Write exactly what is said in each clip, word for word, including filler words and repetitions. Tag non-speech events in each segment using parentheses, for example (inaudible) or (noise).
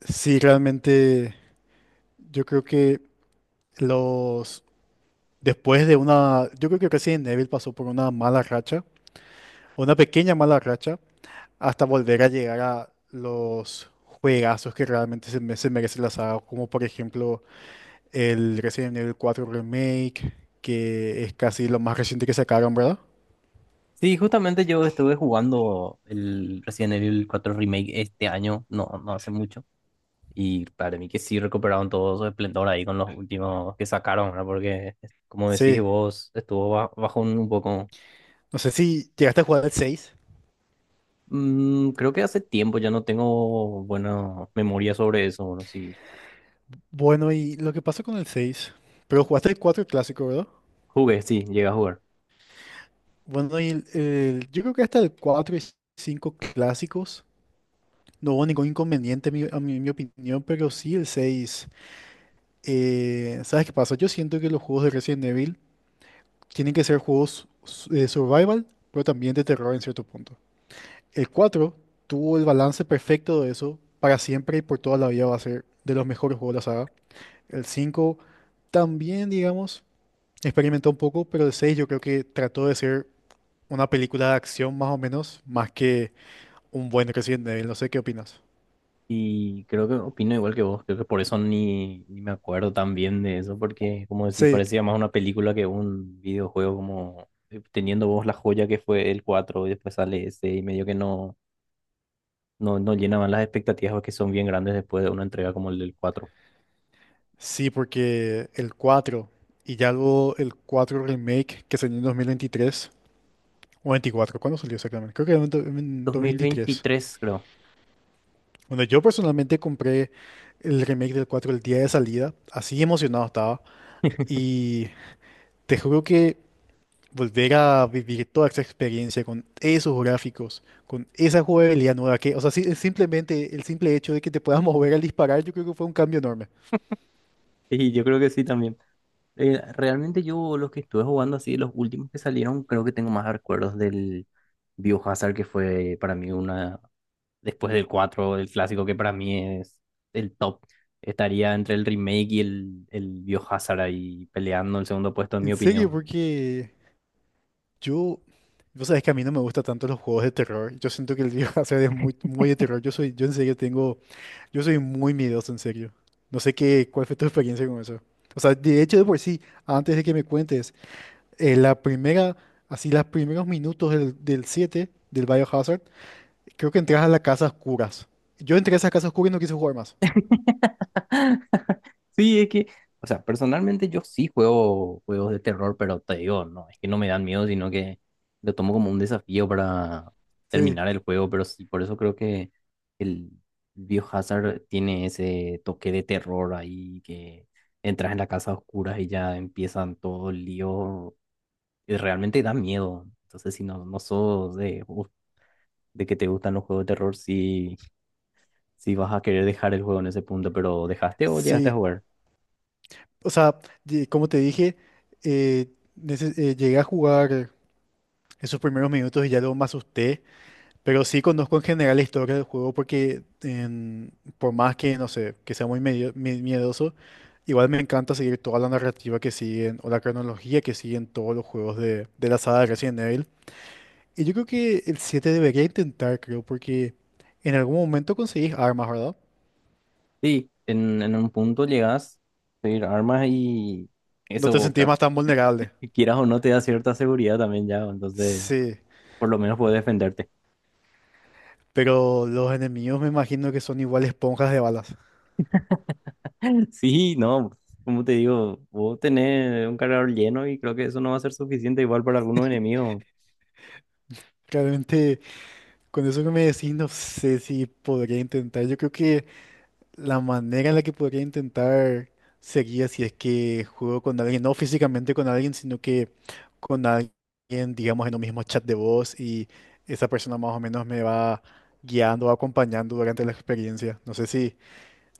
Sí, realmente yo creo que los después de una, yo creo que Resident Evil pasó por una mala racha, una pequeña mala racha, hasta volver a llegar a los juegazos que realmente se, me- se merece la saga, como por ejemplo el Resident Evil cuatro Remake, que es casi lo más reciente que sacaron, ¿verdad? Sí, justamente yo estuve jugando el Resident Evil cuatro Remake este año, no, no hace mucho, y para mí que sí recuperaron todo su esplendor ahí con los últimos que sacaron, ¿verdad? Porque, es- como decís Sí, vos, estuvo ba- bajo un, un poco... no sé si llegaste a jugar el seis. Mm, creo que hace tiempo ya no tengo buena memoria sobre eso, bueno, sí, Bueno, y lo que pasó con el seis, pero jugaste el cuatro clásico, ¿verdad? jugué, sí, llegué a jugar. Bueno, y el- el- yo creo que hasta el cuatro y cinco clásicos no hubo ningún inconveniente, mi- a mi, mi opinión, pero sí el seis. Eh, ¿sabes qué pasa? Yo siento que los juegos de Resident Evil tienen que ser juegos su- de survival, pero también de terror en cierto punto. El cuatro tuvo el balance perfecto de eso, para siempre y por toda la vida va a ser de los mejores juegos de la saga. El cinco también, digamos, experimentó un poco, pero el seis yo creo que trató de ser una película de acción más o menos, más que un buen Resident Evil, no sé qué opinas. Y creo que opino igual que vos, creo que por eso ni, ni me acuerdo tan bien de eso, porque como decís, Sí, parecía más una película que un videojuego, como eh, teniendo vos la joya que fue el cuatro y después sale ese y medio que no, no, no llenaban las expectativas que son bien grandes después de una entrega como el del cuatro. sí, porque el cuatro y ya luego el cuatro remake que salió en dos mil veintitrés o veinticuatro, ¿cuándo salió exactamente? Creo que era en do- en Dos mil dos mil veintitrés. veintitrés creo. Bueno, yo personalmente compré el remake del cuatro el día de salida, así emocionado estaba, (laughs) y te juro que volver a vivir toda esa experiencia con esos gráficos, con esa jugabilidad nueva que, o sea, sí- simplemente el simple hecho de que te puedas (laughs) mover al disparar, yo creo que fue un cambio enorme. Y yo creo que sí también. Eh, realmente yo los que estuve jugando así, los últimos que salieron, creo que tengo más recuerdos del Biohazard, que fue para mí una, después del cuatro el clásico que para mí es el top. Estaría entre el remake y el, el Biohazard ahí peleando el segundo puesto, en ¿En mi serio? opinión. Porque yo, vos sabés que a mí no me gustan tanto los juegos de terror. Yo siento que el League of Hazard (laughs) es muy, muy de terror. Yo soy, yo en serio tengo, yo soy muy miedoso, en serio. No sé qué, cuál fue tu experiencia con eso. O sea, de hecho, de por sí, antes de que me cuentes, eh, la primera, así, los primeros minutos del, del siete, del Biohazard, creo que entras a la casa oscuras. Yo entré a esa casa oscura y no quise jugar más. Sí, es que, o sea, personalmente yo sí juego juegos de terror, pero te digo, no, es que no me dan miedo, sino que lo tomo como un desafío para Sí, terminar el juego, pero sí, por eso creo que el Biohazard tiene ese toque de terror ahí que entras en la casa oscura y ya empiezan todo el lío y realmente da miedo. Entonces, si no, no sos de, uh, de que te gustan los juegos de terror, sí, sí vas a querer dejar el juego en ese punto, pero ¿dejaste o llegaste a sí. jugar? O sea, ye- como te dije, eh, nece- eh, llegué a jugar esos primeros minutos y ya luego me asusté. Pero sí conozco en general la historia del juego porque en- por más que, no sé, que sea muy medio- mi- miedoso, igual me encanta seguir toda la narrativa que siguen o la cronología que siguen todos los juegos de, de la saga de Resident Evil. Y yo creo que el siete debería intentar, creo, porque en algún momento conseguís armas, ¿verdad? Sí, en, en un punto llegas a pedir armas y No te eso, sentís ca- más tan vulnerable. que quieras o no, te da cierta seguridad también ya, entonces Sí, por lo menos puedes defenderte. (laughs) pero los enemigos me imagino que son igual esponjas de balas. Sí, no, como te digo, vos tenés un cargador lleno y creo que eso no va a ser suficiente igual para algunos enemigos. Realmente, con eso que me decís, no sé si podría intentar. Yo creo que la manera en la que podría intentar sería si es que juego con alguien, no físicamente con alguien, sino que con alguien, digamos, en un mismo chat de voz, y esa persona más o menos me va guiando o acompañando durante la experiencia. No sé si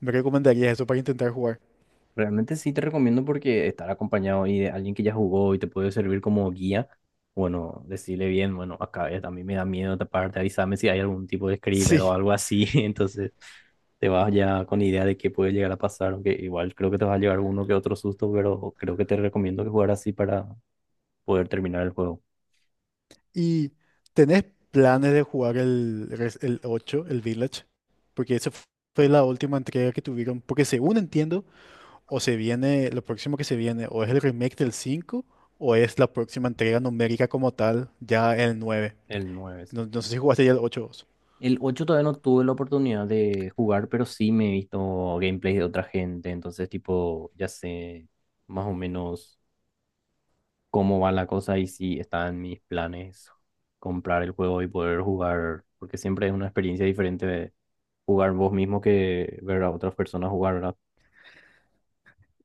me recomendarías eso para intentar jugar. (laughs) Realmente sí te recomiendo porque estar acompañado y de alguien que ya jugó y te puede servir como guía, bueno, decirle bien, bueno, acá es, a mí me da miedo taparte, avísame si hay algún tipo de screamer o Sí. algo así, (laughs) entonces te vas ya con idea de qué puede llegar a pasar, aunque igual creo que te va a llegar uno que otro susto, pero creo que te recomiendo que jugar así para poder terminar el juego. ¿Y tenés planes de jugar el, res- el ocho, el Village? Porque esa fu- fue la última entrega que tuvieron, porque según entiendo, o se viene, lo próximo que se viene, o es el remake del cinco o es la próxima entrega numérica como tal, ya el nueve. El nueve sí. No, no sé si jugaste ya el ocho vos. El ocho todavía no tuve la oportunidad de jugar, pero sí me he visto gameplay de otra gente, entonces tipo, ya sé más o menos cómo va la cosa y si está en mis planes comprar el juego y poder jugar, porque siempre es una experiencia diferente de jugar vos mismo que ver a otras personas jugar, ¿verdad?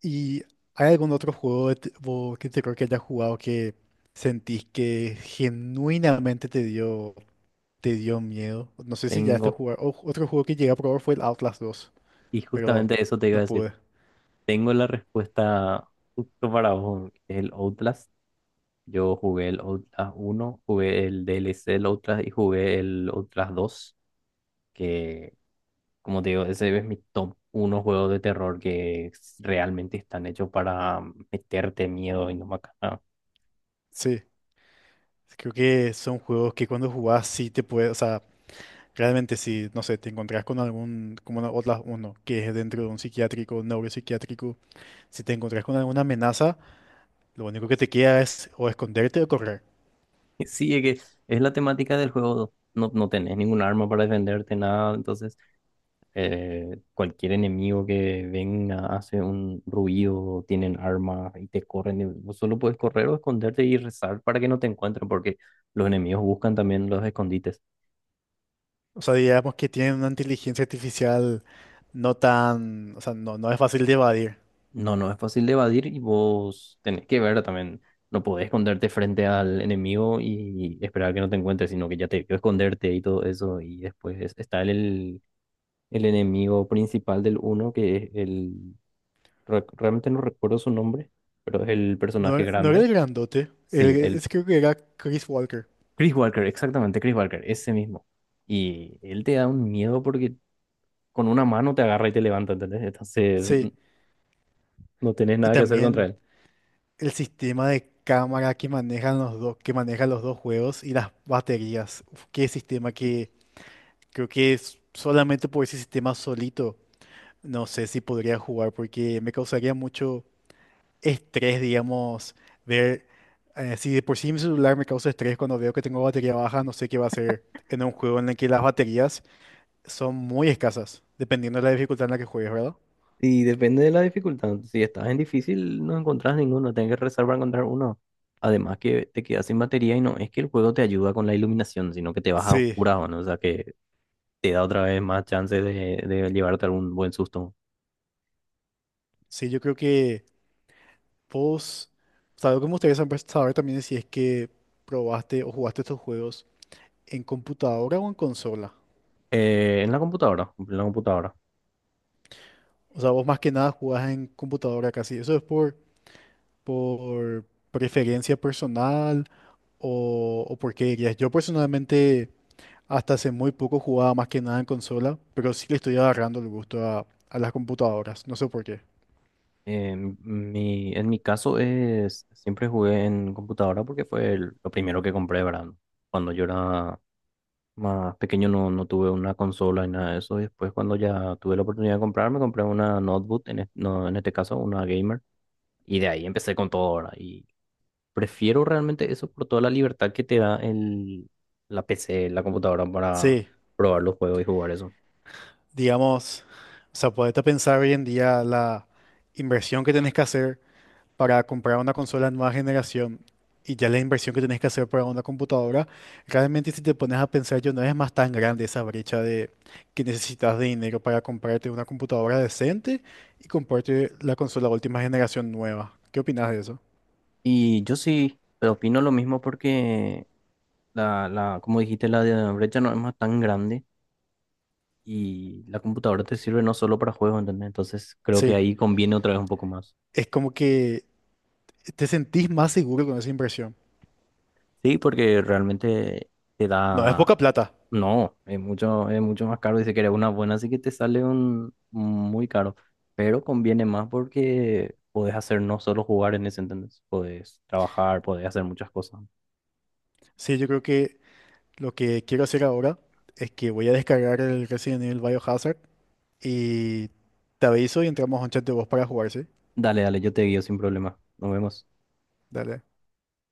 ¿Y hay algún otro juego de te- vos que te creo que hayas jugado que sentís que genuinamente te dio, te dio miedo? No sé si ya estás Tengo, jugando. Otro juego que llegué a probar fue el Outlast dos, y pero justamente eso te iba a no decir, pude. tengo la respuesta justo para vos, que es el Outlast. Yo jugué el Outlast uno, jugué el D L C del Outlast y jugué el Outlast dos. Que como te digo, ese es mi top unos juegos de terror que s- realmente están hechos para meterte miedo y no matar. Sí, creo que son juegos que cuando jugás sí te puede, o sea, realmente si, no sé, te encontrás con algún, como una- otras uno, que es dentro de un psiquiátrico, neuropsiquiátrico, si te encontrás con alguna amenaza, lo único que te queda es o esconderte o correr. (laughs) Sí, es que es la temática del juego. No, no tenés ningún arma para defenderte, nada. Entonces, eh, cualquier enemigo que venga hace un ruido, tienen armas y te corren. Y vos solo puedes correr o esconderte y rezar para que no te encuentren, porque los enemigos buscan también los escondites. O sea, digamos que tienen una inteligencia artificial no tan, o sea, no, no es fácil de evadir. No, no es fácil de evadir y vos tenés que ver también. No podés esconderte frente al enemigo y esperar que no te encuentre, sino que ya te vio esconderte y todo eso. Y después está el el enemigo principal del uno que es el... re- Realmente no recuerdo su nombre, pero es el No, personaje e- no era grande. el grandote, el, Sí, el es, creo que era Chris Walker. Chris Walker, exactamente, Chris Walker, ese mismo. Y él te da un miedo porque con una mano te agarra y te levanta, ¿entendés? Entonces n- Sí, no tenés y nada que hacer contra también él. el sistema de cámara que manejan los dos, que manejan los dos juegos y las baterías. Uf, qué sistema que creo que es solamente por ese sistema solito, no sé si podría jugar porque me causaría mucho estrés, digamos, ver, eh, si de por sí mi celular me causa estrés cuando veo que tengo batería baja, no sé qué va a hacer en un juego en el que las baterías son muy escasas, dependiendo de la dificultad en la que juegues, ¿verdad? Y depende de la dificultad. Si estás en difícil, no encontrás ninguno, tenés que rezar para encontrar uno. Además que te quedas sin batería y no es que el juego te ayuda con la iluminación, sino que te vas a Sí, oscuras, ¿no? O sea que te da otra vez más chance de, de llevarte algún buen susto. sí, yo creo que vos, o sea, algo que me gustaría saber saber también es si es que probaste o jugaste estos juegos en computadora o en consola. Eh, en la computadora, en la computadora. O sea, vos más que nada jugás en computadora casi. ¿Eso es por, por preferencia personal, o, o por qué dirías? Yo personalmente hasta hace muy poco jugaba más que nada en consola, pero sí le estoy agarrando el gusto a, a las computadoras. No sé por qué. Eh, mi, en mi caso es, siempre jugué en computadora porque fue el- lo primero que compré, ¿verdad? Cuando yo era más pequeño no, no tuve una consola ni nada de eso. Y después cuando ya tuve la oportunidad de comprar, me compré una notebook, en, es- no, en este caso una gamer. Y de ahí empecé con todo ahora. Y prefiero realmente eso por toda la libertad que te da el, la P C, la computadora para Sí, probar los juegos y jugar eso. digamos, o sea, podete pensar hoy en día la inversión que tenés que hacer para comprar una consola de nueva generación y ya la inversión que tenés que hacer para una computadora, realmente si te pones a pensar yo no es más tan grande esa brecha de que necesitas de dinero para comprarte una computadora decente y comprarte la consola de última generación nueva. ¿Qué opinas de eso? Y yo sí pero opino lo mismo porque la, la, como dijiste, la de- brecha no es más tan grande y la computadora te sirve no solo para juegos, ¿entendés? Entonces creo que Sí, ahí conviene otra vez un poco más. es como que te sentís más seguro con esa inversión. Sí, porque realmente te No, es poca da, plata. no, es mucho, es mucho más caro y si quieres una buena, así que te sale un muy caro. Pero conviene más porque podés hacer no solo jugar en ese, ¿entendés? Podés trabajar, podés hacer muchas cosas. Sí, yo creo que lo que quiero hacer ahora es que voy a descargar el Resident Evil Biohazard y te aviso y entramos a un chat de voz para jugar, ¿sí? Dale, dale, yo te guío sin problema. Nos vemos. Dale.